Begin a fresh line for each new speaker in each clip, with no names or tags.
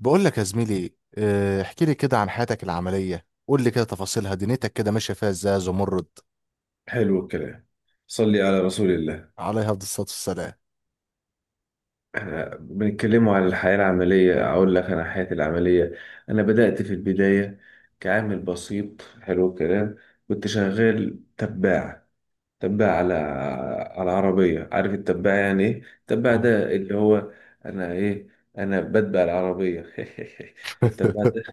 بقول لك يا زميلي احكي لي كده عن حياتك العملية. قول لي كده تفاصيلها، دنيتك كده ماشية فيها ازاي يا زمرد؟
حلو الكلام. صلي على رسول الله.
عليها أفضل الصلاة والسلام.
احنا بنتكلموا عن الحياة العملية. اقول لك انا حياتي العملية انا بدأت في البداية كعامل بسيط. حلو الكلام. كنت شغال تباع، تباع على على عربية. عارف التباع يعني ايه؟ التباع
آه.
ده اللي هو انا ايه انا بتبع العربية. التباع ده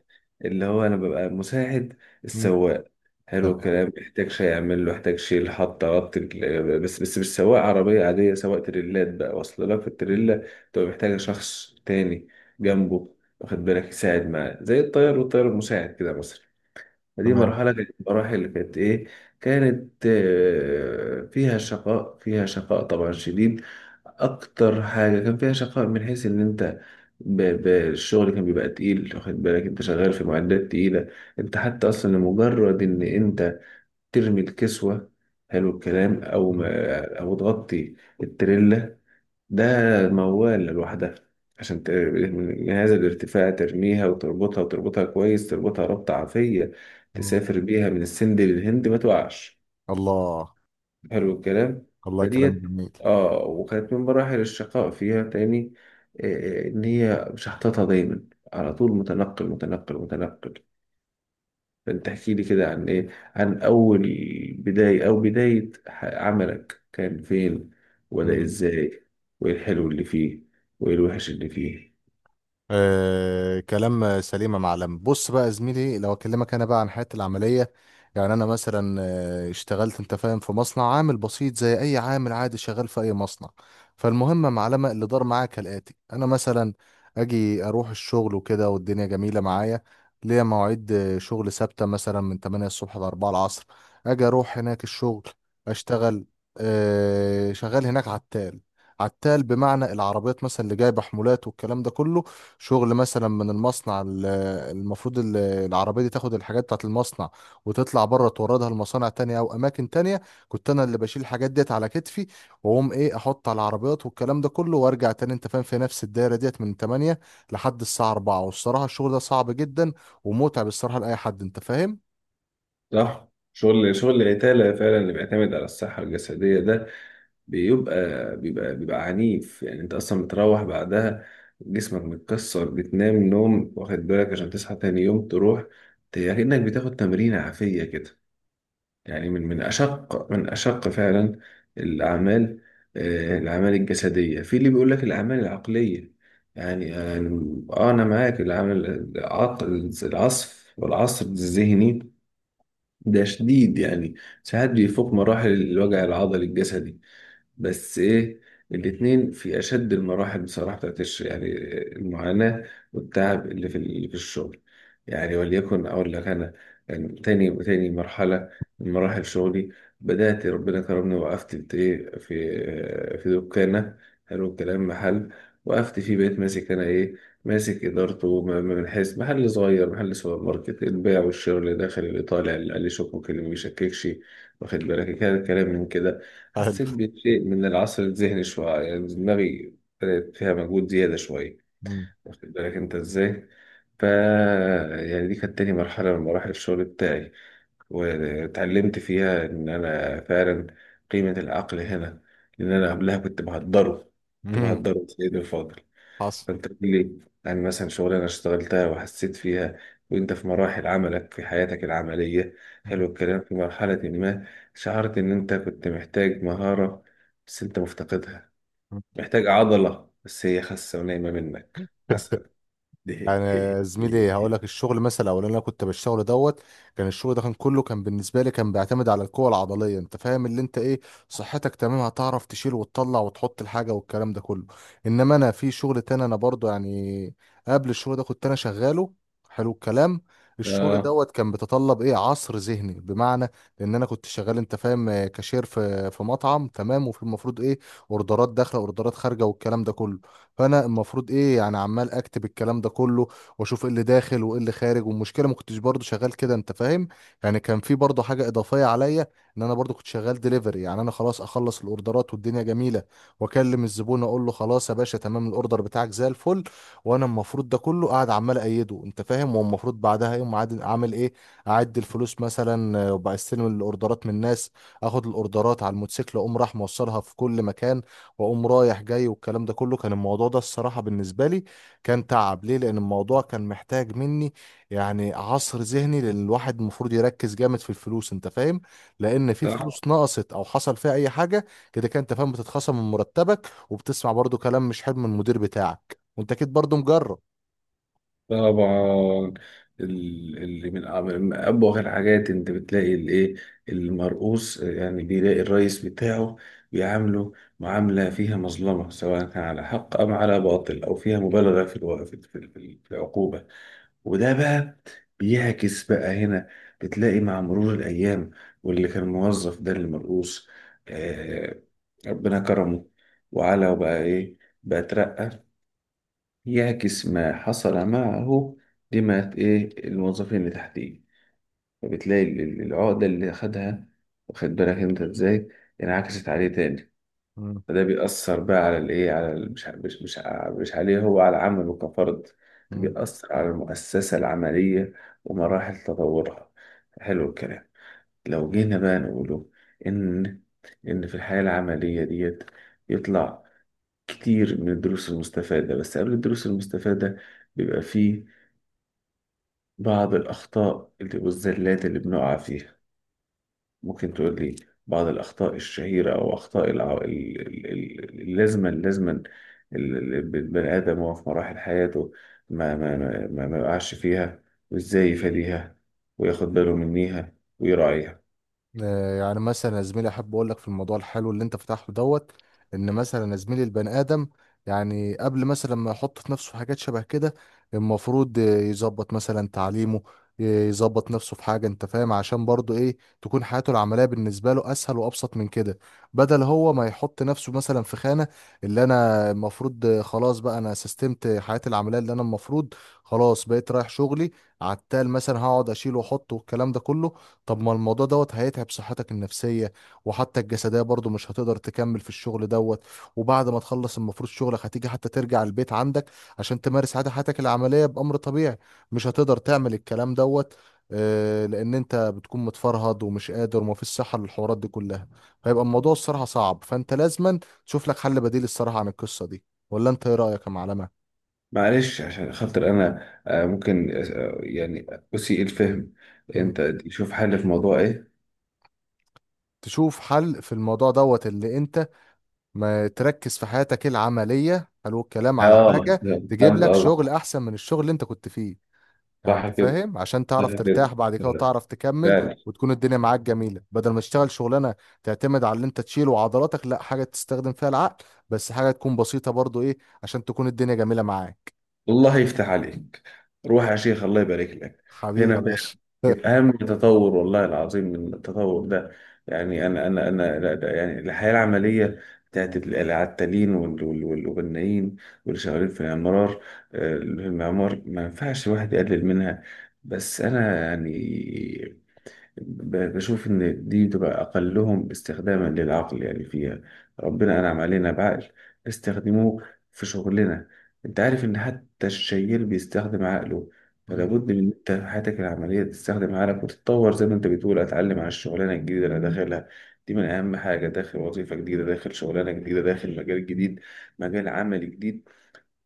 اللي هو انا ببقى مساعد
مم.
السواق. حلو
تمام.
الكلام. يحتاج شيء يعمل له، يحتاج شيء يحط ربط. بس مش سواق عربية عادية، سواق تريلات. بقى واصل لك في
مم.
التريلا تبقى محتاجة شخص تاني
مم،
جنبه، واخد بالك، يساعد معاه زي الطيار والطيار المساعد كده مثلا. دي
تمام.
مرحلة كانت من المراحل اللي كانت إيه، كانت فيها شقاء، فيها شقاء طبعا شديد. أكتر حاجة كان فيها شقاء من حيث إن أنت الشغل كان بيبقى تقيل، واخد بالك، أنت شغال في معدات تقيلة. أنت حتى أصلا لمجرد إن أنت ترمي الكسوة، حلو الكلام، أو
مم.
ما أو تغطي التريلا ده موال لوحدها، عشان من جهاز الارتفاع ترميها وتربطها، كويس، تربطها ربطة عافية،
مم.
تسافر بيها من السند للهند ما توقعش.
الله.
حلو الكلام.
الله، كلام
فديت.
جميل.
اه، وكانت من مراحل الشقاء فيها تاني ان هي مش حاططها دايما، على طول متنقل متنقل. فانت احكي لي كده عن ايه، عن بداية او بداية عملك كان فين، وبدأ ازاي، وايه الحلو اللي فيه، وايه الوحش اللي فيه.
آه، كلام سليم يا معلم. بص بقى يا زميلي، لو اكلمك انا بقى عن حياتي العمليه، يعني انا مثلا اشتغلت انت فاهم في مصنع عامل بسيط زي اي عامل عادي شغال في اي مصنع. فالمهم يا معلم اللي دار معايا كالاتي. انا مثلا اجي اروح الشغل وكده والدنيا جميله معايا. ليا مواعيد شغل ثابته مثلا من 8 الصبح ل 4 العصر. اجي اروح هناك الشغل، اشتغل آه شغال هناك عتال. عتال بمعنى العربيات مثلا اللي جايبه حمولات والكلام ده كله. شغل مثلا من المصنع المفروض العربية دي تاخد الحاجات بتاعت المصنع وتطلع بره توردها لمصانع تانية أو أماكن تانية. كنت أنا اللي بشيل الحاجات ديت على كتفي وأقوم إيه أحط على العربيات والكلام ده كله وأرجع تاني أنت فاهم في نفس الدايرة ديت من 8 لحد الساعة 4. والصراحة الشغل ده صعب جدا ومتعب الصراحة لأي حد أنت فاهم؟
صح. شغل العتالة فعلا اللي بيعتمد على الصحة الجسدية ده بيبقى عنيف. يعني انت اصلا بتروح بعدها جسمك متكسر، بتنام نوم، واخد بالك، عشان تصحى تاني يوم تروح. يعني كأنك بتاخد تمرين عافية كده. يعني من من أشق فعلا الأعمال الأعمال الجسدية. في اللي بيقول لك الأعمال العقلية، يعني يعني- آه أنا معاك. العمل العقل، العصف والعصر الذهني ده شديد يعني، ساعات بيفوق مراحل الوجع العضلي الجسدي. بس ايه، الاتنين في اشد المراحل بصراحه بتاعت يعني المعاناه والتعب اللي في الشغل. يعني وليكن اقول لك انا، يعني تاني مرحله من مراحل شغلي. بدات ربنا كرمني، وقفت في ايه، في في دكانه، حلو الكلام، محل. وقفت فيه بقيت ماسك انا ايه، ماسك ادارته. من حيث محل صغير، محل سوبر ماركت، البيع والشراء، اللي داخل، اللي طالع، اللي عليه شك ممكن، اللي ما بيشككش، واخد بالك كده، كلام من كده.
حلو.
حسيت بشيء من العصر الذهني شوية، يعني دماغي بدأت فيها مجهود زيادة شوية،
مم.
واخد بالك أنت إزاي؟ ف يعني دي كانت تاني مرحلة من مراحل الشغل بتاعي، واتعلمت فيها إن أنا فعلا قيمة العقل هنا، لأن أنا قبلها كنت بهدره. كنت
مم.
بهدره سيدي الفاضل.
حصل.
انت قول لي، يعني مثلا شغلانه اشتغلتها وحسيت فيها، وانت في مراحل عملك، في حياتك العمليه، حلو الكلام، في مرحله ما، شعرت ان انت كنت محتاج مهاره بس انت مفتقدها،
مم.
محتاج عضله بس هي خاسه ونايمه منك مثلا.
يعني زميلي، هقول لك الشغل مثلا او اللي انا كنت بشتغله دوت، كان الشغل ده كان كله كان بالنسبه لي كان بيعتمد على القوه العضليه. انت فاهم اللي انت ايه؟ صحتك تمام هتعرف تشيل وتطلع وتحط الحاجه والكلام ده كله. انما انا في شغل تاني انا برضو يعني قبل الشغل ده كنت انا شغاله. حلو الكلام. الشغل
اه،
دوت كان بيتطلب ايه؟ عصر ذهني، بمعنى ان انا كنت شغال انت فاهم كاشير في مطعم تمام. وفي المفروض ايه، اوردرات داخله اوردرات خارجه والكلام ده كله. فانا المفروض ايه، يعني عمال اكتب الكلام ده كله واشوف ايه اللي داخل وايه اللي خارج. والمشكله ما كنتش برضه شغال كده انت فاهم. يعني كان في برضه حاجه اضافيه عليا، ان انا برضه كنت شغال دليفري. يعني انا خلاص اخلص الاوردرات والدنيا جميله واكلم الزبون اقول له خلاص يا باشا تمام الاوردر بتاعك زي الفل. وانا المفروض ده كله قاعد عمال ايده انت فاهم. والمفروض بعدها يوم اعمل ايه، اعد الفلوس مثلا وبستلم الاوردرات من الناس، اخد الاوردرات على الموتوسيكل اقوم راح موصلها في كل مكان واقوم رايح جاي والكلام ده كله. كان الموضوع ده الصراحه بالنسبه لي كان تعب. ليه؟ لان الموضوع كان محتاج مني يعني عصر ذهني، لان الواحد المفروض يركز جامد في الفلوس انت فاهم. لان في
صح،
فلوس نقصت او حصل فيها اي حاجه كده كده انت فاهم بتتخصم من مرتبك وبتسمع برضو كلام مش حلو من المدير بتاعك، وانت اكيد برضو مجرب.
طبعا. اللي من من ابوغ الحاجات، انت بتلاقي الايه، المرؤوس يعني بيلاقي الرئيس بتاعه بيعامله معامله فيها مظلمه، سواء كان على حق ام على باطل، او فيها مبالغه في الوقت في العقوبه. وده بقى بيعكس بقى هنا، بتلاقي مع مرور الايام واللي كان موظف ده المرؤوس، آه، ربنا كرمه، وبقى ايه، بقى اترقى، يعكس ما حصل معه لما إيه الموظفين اللي تحتيه. فبتلاقي العقدة اللي أخدها، واخد بالك أنت إزاي، انعكست عليه تاني.
مم.
فده بيأثر بقى على الإيه، على مش عليه هو على عمله كفرد،
مم.
بيأثر على المؤسسة العملية ومراحل تطورها. حلو الكلام. لو جينا بقى نقوله إن في الحياة العملية ديت يطلع كتير من الدروس المستفادة. بس قبل الدروس المستفادة بيبقى فيه بعض الأخطاء اللي والزلات اللي بنقع فيها. ممكن تقول لي بعض الأخطاء الشهيرة أو أخطاء اللازمة اللي البني آدم وهو في مراحل حياته ما يقعش فيها، وإزاي يفاديها وياخد باله منيها ويراعيها.
يعني مثلا يا زميلي احب اقول لك في الموضوع الحلو اللي انت فتحته دوت، ان مثلا يا زميلي البني ادم يعني قبل مثلا ما يحط في نفسه حاجات شبه كده، المفروض يظبط مثلا تعليمه، يظبط نفسه في حاجه انت فاهم عشان برضه ايه، تكون حياته العمليه بالنسبه له اسهل وابسط من كده. بدل هو ما يحط نفسه مثلا في خانه، اللي انا المفروض خلاص بقى انا سستمت حياتي العمليه اللي انا المفروض خلاص بقيت رايح شغلي عتال مثلا هقعد اشيله واحطه والكلام ده كله. طب ما الموضوع دوت هيتعب صحتك النفسية وحتى الجسدية برضو، مش هتقدر تكمل في الشغل دوت. وبعد ما تخلص المفروض شغلك هتيجي حتى ترجع البيت عندك عشان تمارس عادة حياتك العملية بأمر طبيعي، مش هتقدر تعمل الكلام دوت. لأن أنت بتكون متفرهد ومش قادر ومفيش صحة للحوارات دي كلها. فيبقى الموضوع الصراحة صعب، فأنت لازما تشوف لك حل بديل الصراحة عن القصة دي. ولا أنت إيه رأيك يا معلمة؟
معلش، عشان خاطر أنا ممكن يعني أسيء الفهم،
مم.
أنت شوف حل في موضوع إيه؟
تشوف حل في الموضوع دوت اللي أنت ما تركز في حياتك العملية، حلو الكلام، على
اه،
حاجة تجيب
فهمت
لك شغل
قصدك.
أحسن من الشغل اللي أنت كنت فيه. يعني
صح
أنت
كده
فاهم عشان
صح
تعرف
كده
ترتاح بعد كده وتعرف تكمل
فعلا.
وتكون الدنيا معاك جميلة. بدل ما تشتغل شغلانة تعتمد على اللي أنت تشيله وعضلاتك، لا حاجة تستخدم فيها العقل بس حاجة تكون بسيطة برضو إيه، عشان تكون الدنيا جميلة معاك.
الله يفتح عليك، روح يا شيخ، الله يبارك لك.
حبيبي يا
هنا
باشا.
فعلا يبقى اهم تطور والله العظيم. من التطور ده يعني انا لا، ده يعني الحياه العمليه بتاعت العتالين والبنايين واللي شغالين في العمار، المعمار، ما ينفعش الواحد يقلل منها. بس انا يعني بشوف إن دي بتبقى أقلهم استخداما للعقل. يعني فيها ربنا أنعم علينا بعقل، استخدموه في شغلنا. أنت عارف إن حتى الشيال بيستخدم عقله. فلا
مم،
بد من إن أنت في حياتك العملية تستخدم عقلك وتتطور. زي ما أنت بتقول، أتعلم على الشغلانة الجديدة اللي أنا داخلها. دي من أهم حاجة، داخل وظيفة جديدة، داخل شغلانة جديدة، داخل مجال جديد، مجال عمل جديد،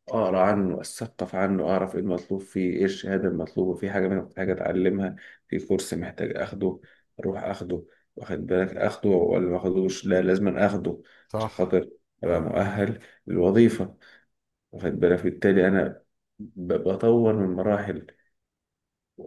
اقرا عنه، اثقف عنه، اعرف ايه المطلوب فيه، ايه الشهاده المطلوبه، في حاجه انا محتاج اتعلمها، في كورس محتاج اخده، اروح اخده، واخد بالك، اخده ولا ما اخدوش، لا لازم أنا اخده عشان
صح.
خاطر ابقى مؤهل للوظيفه، واخد بالك. بالتالي انا بطور من مراحل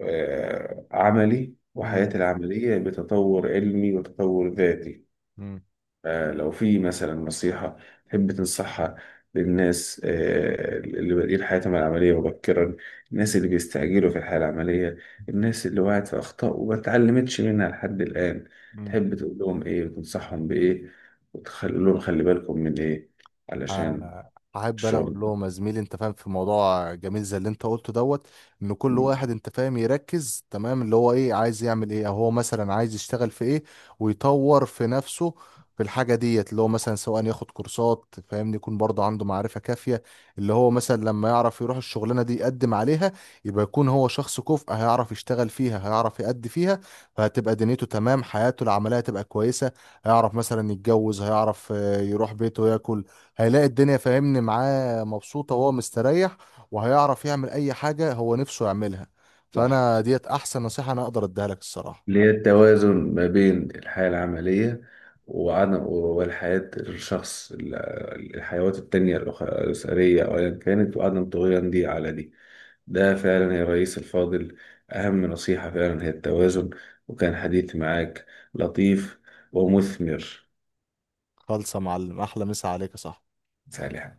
عملي
مم،
وحياتي العمليه، بتطور علمي وتطور ذاتي.
مم،
لو في مثلا نصيحة تحب تنصحها للناس، اللي بادئين حياتهم العملية مبكرا، الناس اللي بيستعجلوا في الحياة العملية، الناس اللي وقعت في أخطاء وما اتعلمتش منها لحد الآن،
مم.
تحب تقول لهم إيه وتنصحهم بإيه، وتقول لهم خلي بالكم من إيه علشان
آه. احب انا
الشغل؟
اقول لهم يا زميلي انت فاهم في موضوع جميل زي اللي انت قلته دوت، ان كل واحد انت فاهم يركز تمام اللي هو ايه، عايز يعمل ايه او هو مثلا عايز يشتغل في ايه ويطور في نفسه في الحاجه ديت. اللي هو مثلا سواء ياخد كورسات فاهمني، يكون برضه عنده معرفه كافيه اللي هو مثلا لما يعرف يروح الشغلانه دي يقدم عليها يبقى يكون هو شخص كفء. هيعرف يشتغل فيها، هيعرف يأدي فيها، فهتبقى دنيته تمام، حياته العمليه تبقى كويسه. هيعرف مثلا يتجوز، هيعرف يروح بيته ياكل، هيلاقي الدنيا فاهمني معاه مبسوطة وهو مستريح، وهيعرف يعمل أي حاجة هو نفسه يعملها.
صح،
فأنا ديت أحسن نصيحة أنا أقدر أديها لك الصراحة.
اللي هي التوازن ما بين الحياة العملية وعدم، والحياة الحيوات التانية، الأسرية أو أيا كانت، وعدم طغيان دي على دي. ده فعلا يا رئيس الفاضل أهم نصيحة، فعلا هي التوازن. وكان حديث معاك لطيف ومثمر.
خالصة يا معلم، أحلى مسا عليك يا صاحبي.
سالي.